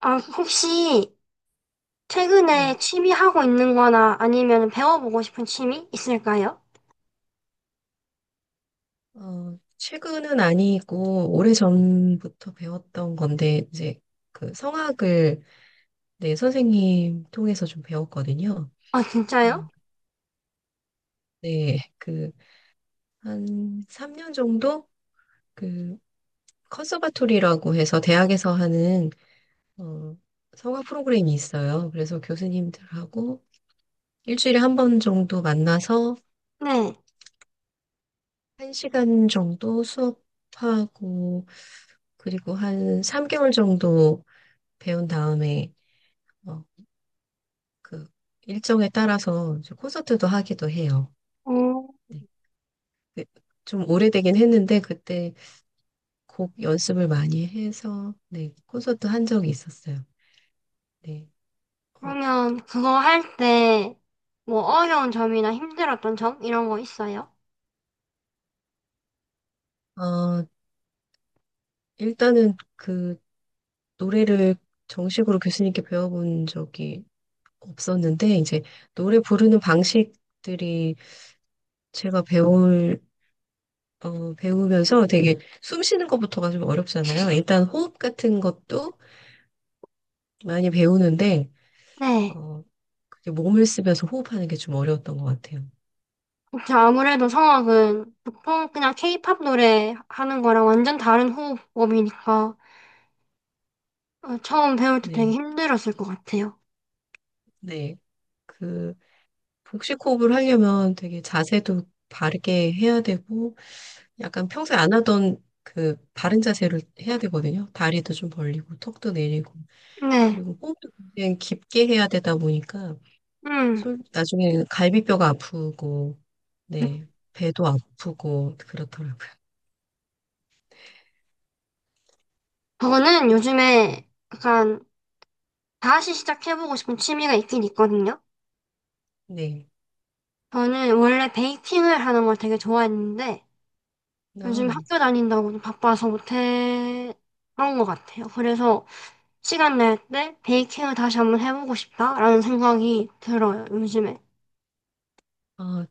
아, 혹시 네. 최근에 취미 하고 있는 거나 아니면 배워보고 싶은 취미 있을까요? 최근은 아니고 오래전부터 배웠던 건데 이제 그 성악을 네, 선생님 통해서 좀 배웠거든요. 아, 어, 진짜요? 네. 한 3년 정도 그 컨서바토리라고 해서 대학에서 하는 어, 성악 프로그램이 있어요. 그래서 교수님들하고 일주일에 한 번 정도 만나서 네. 한시간 정도 수업하고 그리고 한 3개월 정도 배운 다음에 어, 그 일정에 따라서 이제 콘서트도 하기도 해요. 어, 네. 그- 좀 오래되긴 했는데 그때 곡 연습을 많이 해서 네, 콘서트 한 적이 있었어요. 네. 그러면 그거 할 때 뭐 어려운 점이나 힘들었던 점 이런 거 있어요? 어, 어, 일단은 노래를 정식으로 교수님께 배워본 적이 없었는데 이제 노래 부르는 방식들이 제가 배울 배우면서 되게 숨 쉬는 것부터가 좀 어렵잖아요. 일단 호흡 같은 것도 많이 배우는데 네. 어, 그게 몸을 쓰면서 호흡하는 게 좀 어려웠던 것 같아요. 그쵸, 아무래도 성악은 보통 그냥 케이팝 노래 하는 거랑 완전 다른 호흡법이니까 처음 배울 때 네, 되게 힘들었을 것 같아요. 네. 그, 복식 호흡을 하려면 되게 자세도 바르게 해야 되고, 약간 평소에 안 하던 그 바른 자세를 해야 되거든요. 다리도 좀 벌리고, 턱도 내리고, 네. 그리고 호흡도 굉장히 깊게 해야 되다 보니까, 음. 나중에는 갈비뼈가 아프고, 네, 배도 아프고, 그렇더라고요. 저는 요즘에 약간 다시 시작해보고 싶은 취미가 있긴 있거든요. 네. 저는 원래 베이킹을 하는 걸 되게 좋아했는데 요즘 아, 학교 다닌다고 좀 바빠서 못해 그런 것 같아요. 그래서 시간 날 때 베이킹을 다시 한번 해보고 싶다라는 생각이 들어요, 요즘에. 아,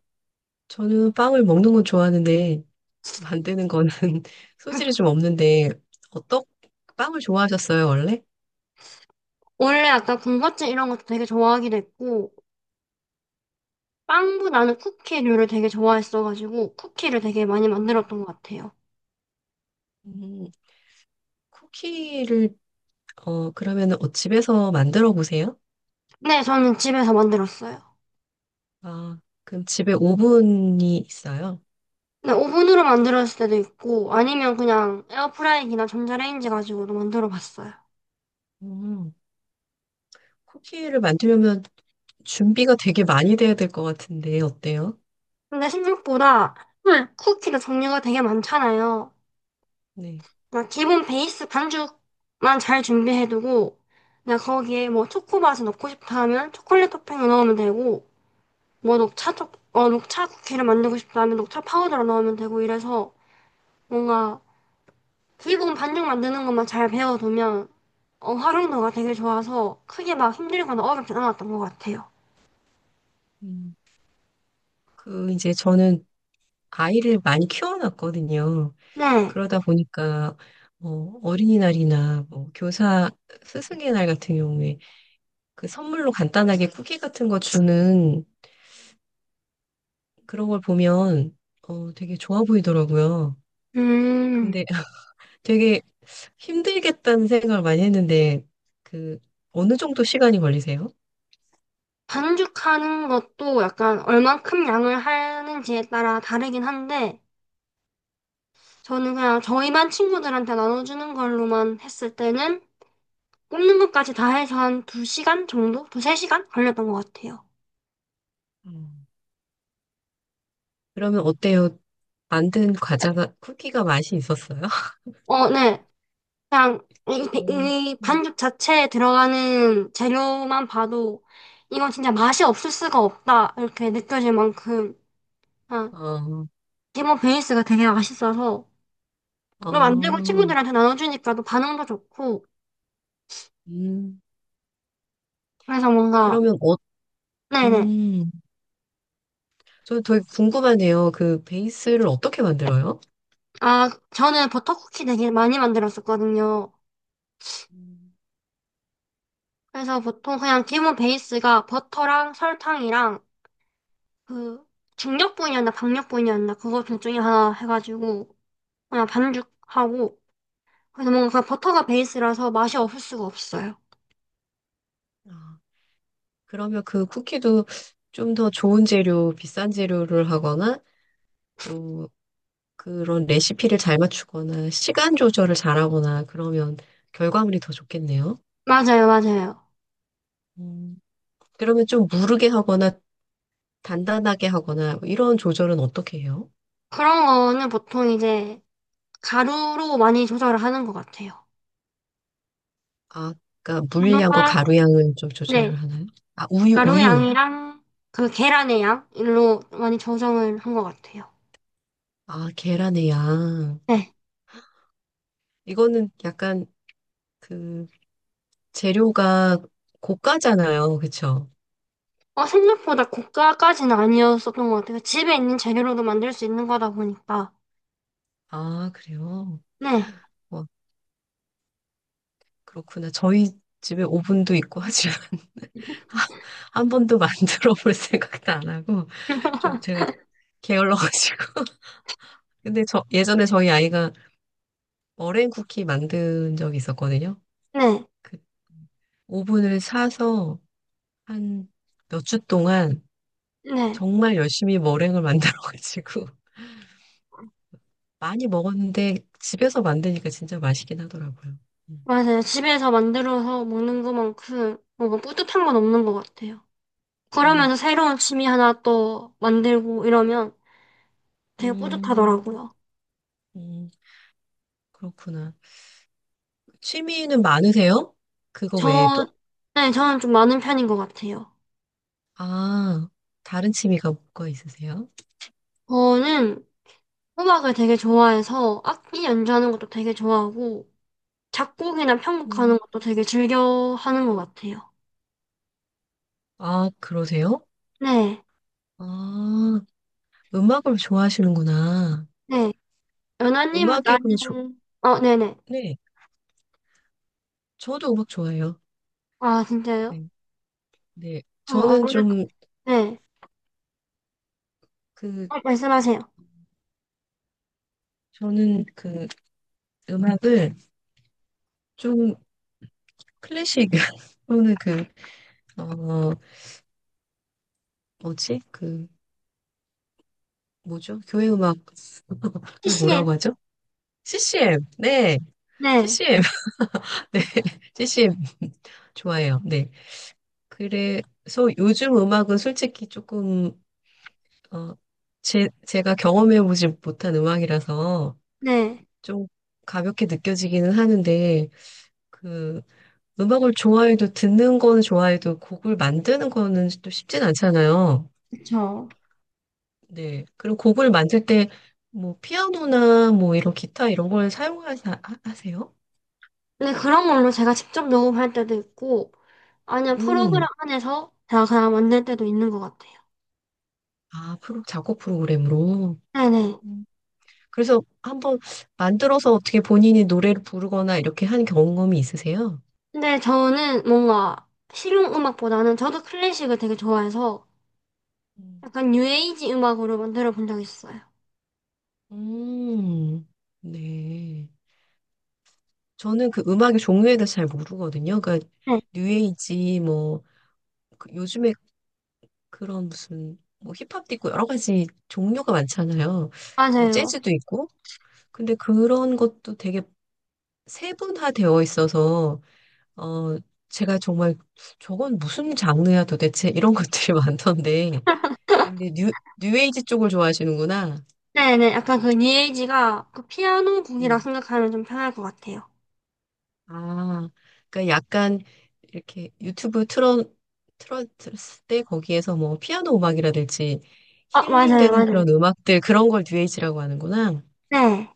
저는 빵을 먹는 건 좋아하는데, 만드는 거는 소질이 좀 없는데 어떤 빵을 좋아하셨어요, 원래? 원래 약간 군것질 이런 것도 되게 좋아하기도 했고 빵보다는 쿠키류를 되게 좋아했어가지고 쿠키를 되게 많이 음. 만들었던 것 같아요. 음, 쿠키를 그러면은 집에서 만들어 보세요. 네, 저는 집에서 만들었어요. 아, 그럼 집에 오븐이 있어요. 네, 오븐으로 만들었을 때도 있고, 아니면 그냥 에어프라이기나 전자레인지 가지고도 만들어 봤어요. 음, 쿠키를 만들려면 준비가 되게 많이 돼야 될 것 같은데 어때요? 근데 생각보다 쿠키도 종류가 되게 많잖아요. 네. 그냥 기본 베이스 반죽만 잘 준비해두고, 그냥 거기에 뭐 초코맛을 넣고 싶다 하면 초콜릿 토핑을 넣으면 되고, 뭐 녹차 쿠키를 만들고 싶다 하면 녹차 파우더를 넣으면 되고 이래서 뭔가 기본 반죽 만드는 것만 잘 배워두면 활용도가 되게 좋아서 크게 막 힘들거나 어렵진 않았던 것 같아요. 음. 저는 아이를 많이 키워놨거든요. 네. 그러다 보니까 어, 어린이날이나 뭐 교사 스승의 날 같은 경우에 그 선물로 간단하게 쿠키 같은 거 주는 그런 걸 보면 되게 좋아 보이더라고요. 음, 근데 되게 힘들겠다는 생각을 많이 했는데 그 어느 정도 시간이 걸리세요? 반죽하는 것도 약간 얼만큼 양을 하는지에 따라 다르긴 한데, 저는 그냥 저희 반 친구들한테 나눠주는 걸로만 했을 때는 굽는 것까지 다 해서 한 2시간 정도? 2, 3시간 걸렸던 것 같아요. 음. 그러면 어때요? 만든 과자가 쿠키가 맛이 있었어요? 어, 네. 그냥 오, 이 음. 반죽 자체에 들어가는 재료만 봐도 이건 진짜 맛이 없을 수가 없다. 이렇게 느껴질 만큼, 그냥 어, 기본 베이스가 되게 맛있어서, 또 만들고 어, 친구들한테 나눠주니까 또 반응도 좋고 음, 그래서 뭔가 그러면, 네네. 음, 저는 되게 궁금하네요. 그 베이스를 어떻게 만들어요? 아 저는 버터쿠키 되게 많이 만들었었거든요. 음. 그래서 보통 그냥 기본 베이스가 버터랑 설탕이랑 그 중력분이었나 박력분이었나 그거 둘 중에 하나 해가지고 그냥 반죽하고 그래서 뭔가 그 버터가 베이스라서 맛이 없을 수가 없어요. 아. 그러면 그 쿠키도 좀 더 좋은 재료, 비싼 재료를 하거나 또 그런 레시피를 잘 맞추거나 시간 조절을 잘하거나 그러면 결과물이 더 좋겠네요. 맞아요, 맞아요. 음, 그러면 좀 무르게 하거나 단단하게 하거나 뭐 이런 조절은 어떻게 해요? 그런 거는 보통 이제 가루로 많이 조절을 하는 것 같아요. 아, 그러니까 물량과 가루가 가루 양을 좀 네. 조절을 하나요? 아, 우유, 우유. 가루양이랑 그 계란의 양일로 많이 조정을 한 것 같아요. 아, 계란의 양. 네. 이거는 약간 그 재료가 고가잖아요. 그쵸? 어, 생각보다 고가까지는 아니었었던 것 같아요. 집에 있는 재료로도 만들 수 있는 거다 보니까. 아, 그래요? 네. 그렇구나. 저희 집에 오븐도 있고 하지만 아, 한 번도 만들어 볼 생각도 안 하고 좀 제가 게을러가지고. 근데 저 예전에 저희 아이가 머랭 쿠키 만든 적이 있었거든요. 네. 그 오븐을 사서 한 몇 주 동안 네. 정말 열심히 머랭을 만들어가지고 많이 먹었는데 집에서 만드니까 진짜 맛있긴 하더라고요. 음, 맞아요. 집에서 만들어서 먹는 것만큼 뭔가 뿌듯한 건 없는 것 같아요. 음, 그러면서 새로운 취미 하나 또 만들고 이러면 되게 음, 뿌듯하더라고요. 음, 그렇구나. 취미는 많으세요? 그거 저, 외에도? 네, 저는 좀 많은 편인 것 같아요. 아, 다른 취미가 뭐가 있으세요? 저는 음악을 되게 좋아해서 악기 연주하는 것도 되게 좋아하고 작곡이나 편곡하는 음. 것도 되게 즐겨 하는 것 같아요. 아, 그러세요? 네, 아, 음악을 좋아하시는구나. 네. 연아님은 음악이 그럼 좋, 나는 네네. 네. 저도 음악 좋아해요. 아, 진짜요? 네. 네. 어, 아무래도 네. 그, 어, 말씀하세요. 저는 음악을 좀 클래식, 또는 그, 어, 뭐지? 그, 뭐죠? 교회 음악을 CCM? 뭐라고 하죠? CCM. 네. 네, CCM. 네, CCM 좋아해요. 네. 그래서 요즘 음악은 솔직히 조금 어, 제가 경험해보지 못한 음악이라서 네. 좀 가볍게 느껴지기는 하는데 그 음악을 좋아해도 듣는 거는 좋아해도 곡을 만드는 거는 또 쉽진 않잖아요. 그쵸. 네. 그리고 곡을 만들 때 뭐 피아노나 뭐 이런 기타 이런 걸 사용하세요? 근데 그런 걸로 제가 직접 녹음할 때도 있고 아니면 음. 프로그램 안에서 제가 그냥 만들 때도 있는 것 같아요. 아, 프로 작곡 프로그램으로. 네네. 그래서 한번 만들어서 어떻게 본인이 노래를 부르거나 이렇게 한 경험이 있으세요? 근데 저는 뭔가 실용 음악보다는 저도 클래식을 되게 좋아해서 음. 약간 뉴에이지 음악으로 만들어 본 적 있어요. 음, 네. 저는 그 음악의 종류에 대해서 잘 모르거든요. 그러니까 네. 뉴에이지 요즘에 그런 무슨 뭐 힙합도 있고 여러 가지 종류가 많잖아요. 뭐 맞아요. 재즈도 있고. 근데 그런 것도 되게 세분화되어 있어서 어 제가 정말 저건 무슨 장르야 도대체 이런 것들이 많던데 근데 뉴에이지 쪽을 좋아하시는구나. 네네, 약간 그 뉴에이지가 그 피아노 곡이라 음. 생각하면 좀 편할 것 같아요. 아, 그러니까 약간 이렇게 유튜브 틀어 틀었을 때 거기에서 뭐 피아노 음악이라든지 아, 맞아요, 힐링되는 맞아요. 그런 음악들 그런 걸 뉴에이지라고 하는구나. 네.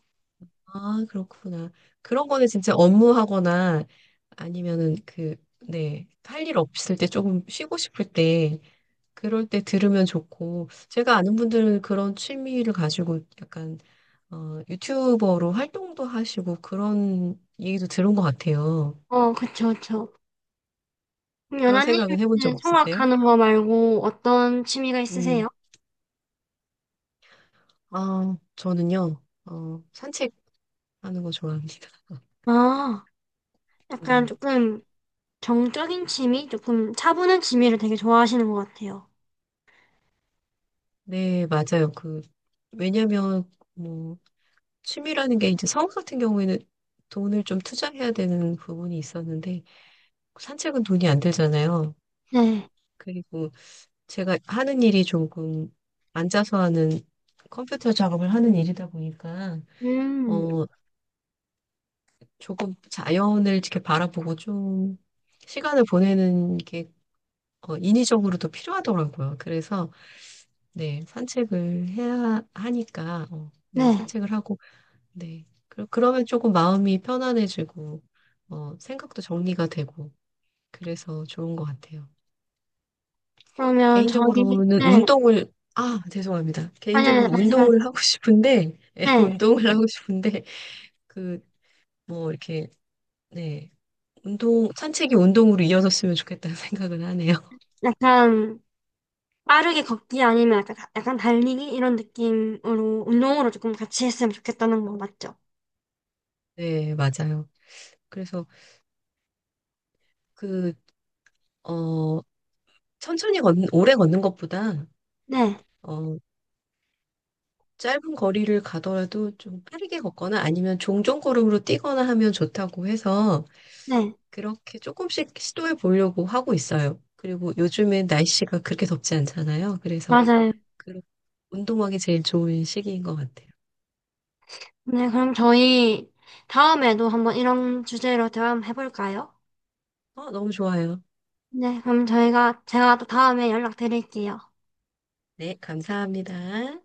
아, 그렇구나. 그런 거는 진짜 업무하거나 아니면은 그, 네, 할 일 없을 때 조금 쉬고 싶을 때 그럴 때 들으면 좋고 제가 아는 분들은 그런 취미를 가지고 약간 유튜버로 활동도 하시고 그런 얘기도 들은 것 같아요. 어, 그쵸, 그쵸. 그럼 그런 생각은 해본 적 연하님은 없으세요? 성악하는 거 말고 어떤 취미가 음, 있으세요? 아, 저는요, 산책하는 거 좋아합니다. 아, 약간 네, 조금 정적인 취미? 조금 차분한 취미를 되게 좋아하시는 것 같아요. 네, 맞아요. 왜냐면, 뭐, 취미라는 게 이제 성우 같은 경우에는 돈을 좀 투자해야 되는 부분이 있었는데, 산책은 돈이 안 들잖아요. 네. 그리고 제가 하는 일이 조금 앉아서 하는 컴퓨터 작업을 하는 일이다 보니까, 음, 어, 조금 자연을 이렇게 바라보고 좀 시간을 보내는 게 인위적으로도 필요하더라고요. 그래서 네, 산책을 해야 하니까 네, 네. 산책을 하고 네. 그러면 조금 마음이 편안해지고 생각도 정리가 되고 그래서 좋은 것 같아요. 그러면 저희, 개인적으로는 네. 운동을 아, 죄송합니다. 아니, 아니, 개인적으로 말씀하세요. 운동을 하고 싶은데 예, 네. 운동을 하고 싶은데 그 뭐 이렇게 네. 운동, 산책이 운동으로 이어졌으면 좋겠다는 생각은 하네요. 약간 빠르게 걷기 아니면 약간, 약간 달리기 이런 느낌으로 운동으로 조금 같이 했으면 좋겠다는 거 맞죠? 네, 맞아요. 그래서 그, 어, 천천히 걷는, 오래 걷는 것보다, 네, 어, 짧은 거리를 가더라도 좀 빠르게 걷거나 아니면 종종 걸음으로 뛰거나 하면 좋다고 해서 네, 그렇게 조금씩 시도해 보려고 하고 있어요. 그리고 요즘엔 날씨가 그렇게 덥지 않잖아요. 그래서 맞아요. 그 운동하기 제일 좋은 시기인 것 같아요. 네, 그럼 저희 다음에도 한번 이런 주제로 대화 한번 해볼까요? 어, 너무 좋아요. 네, 그럼 저희가 제가 또 다음에 연락드릴게요. 네, 감사합니다.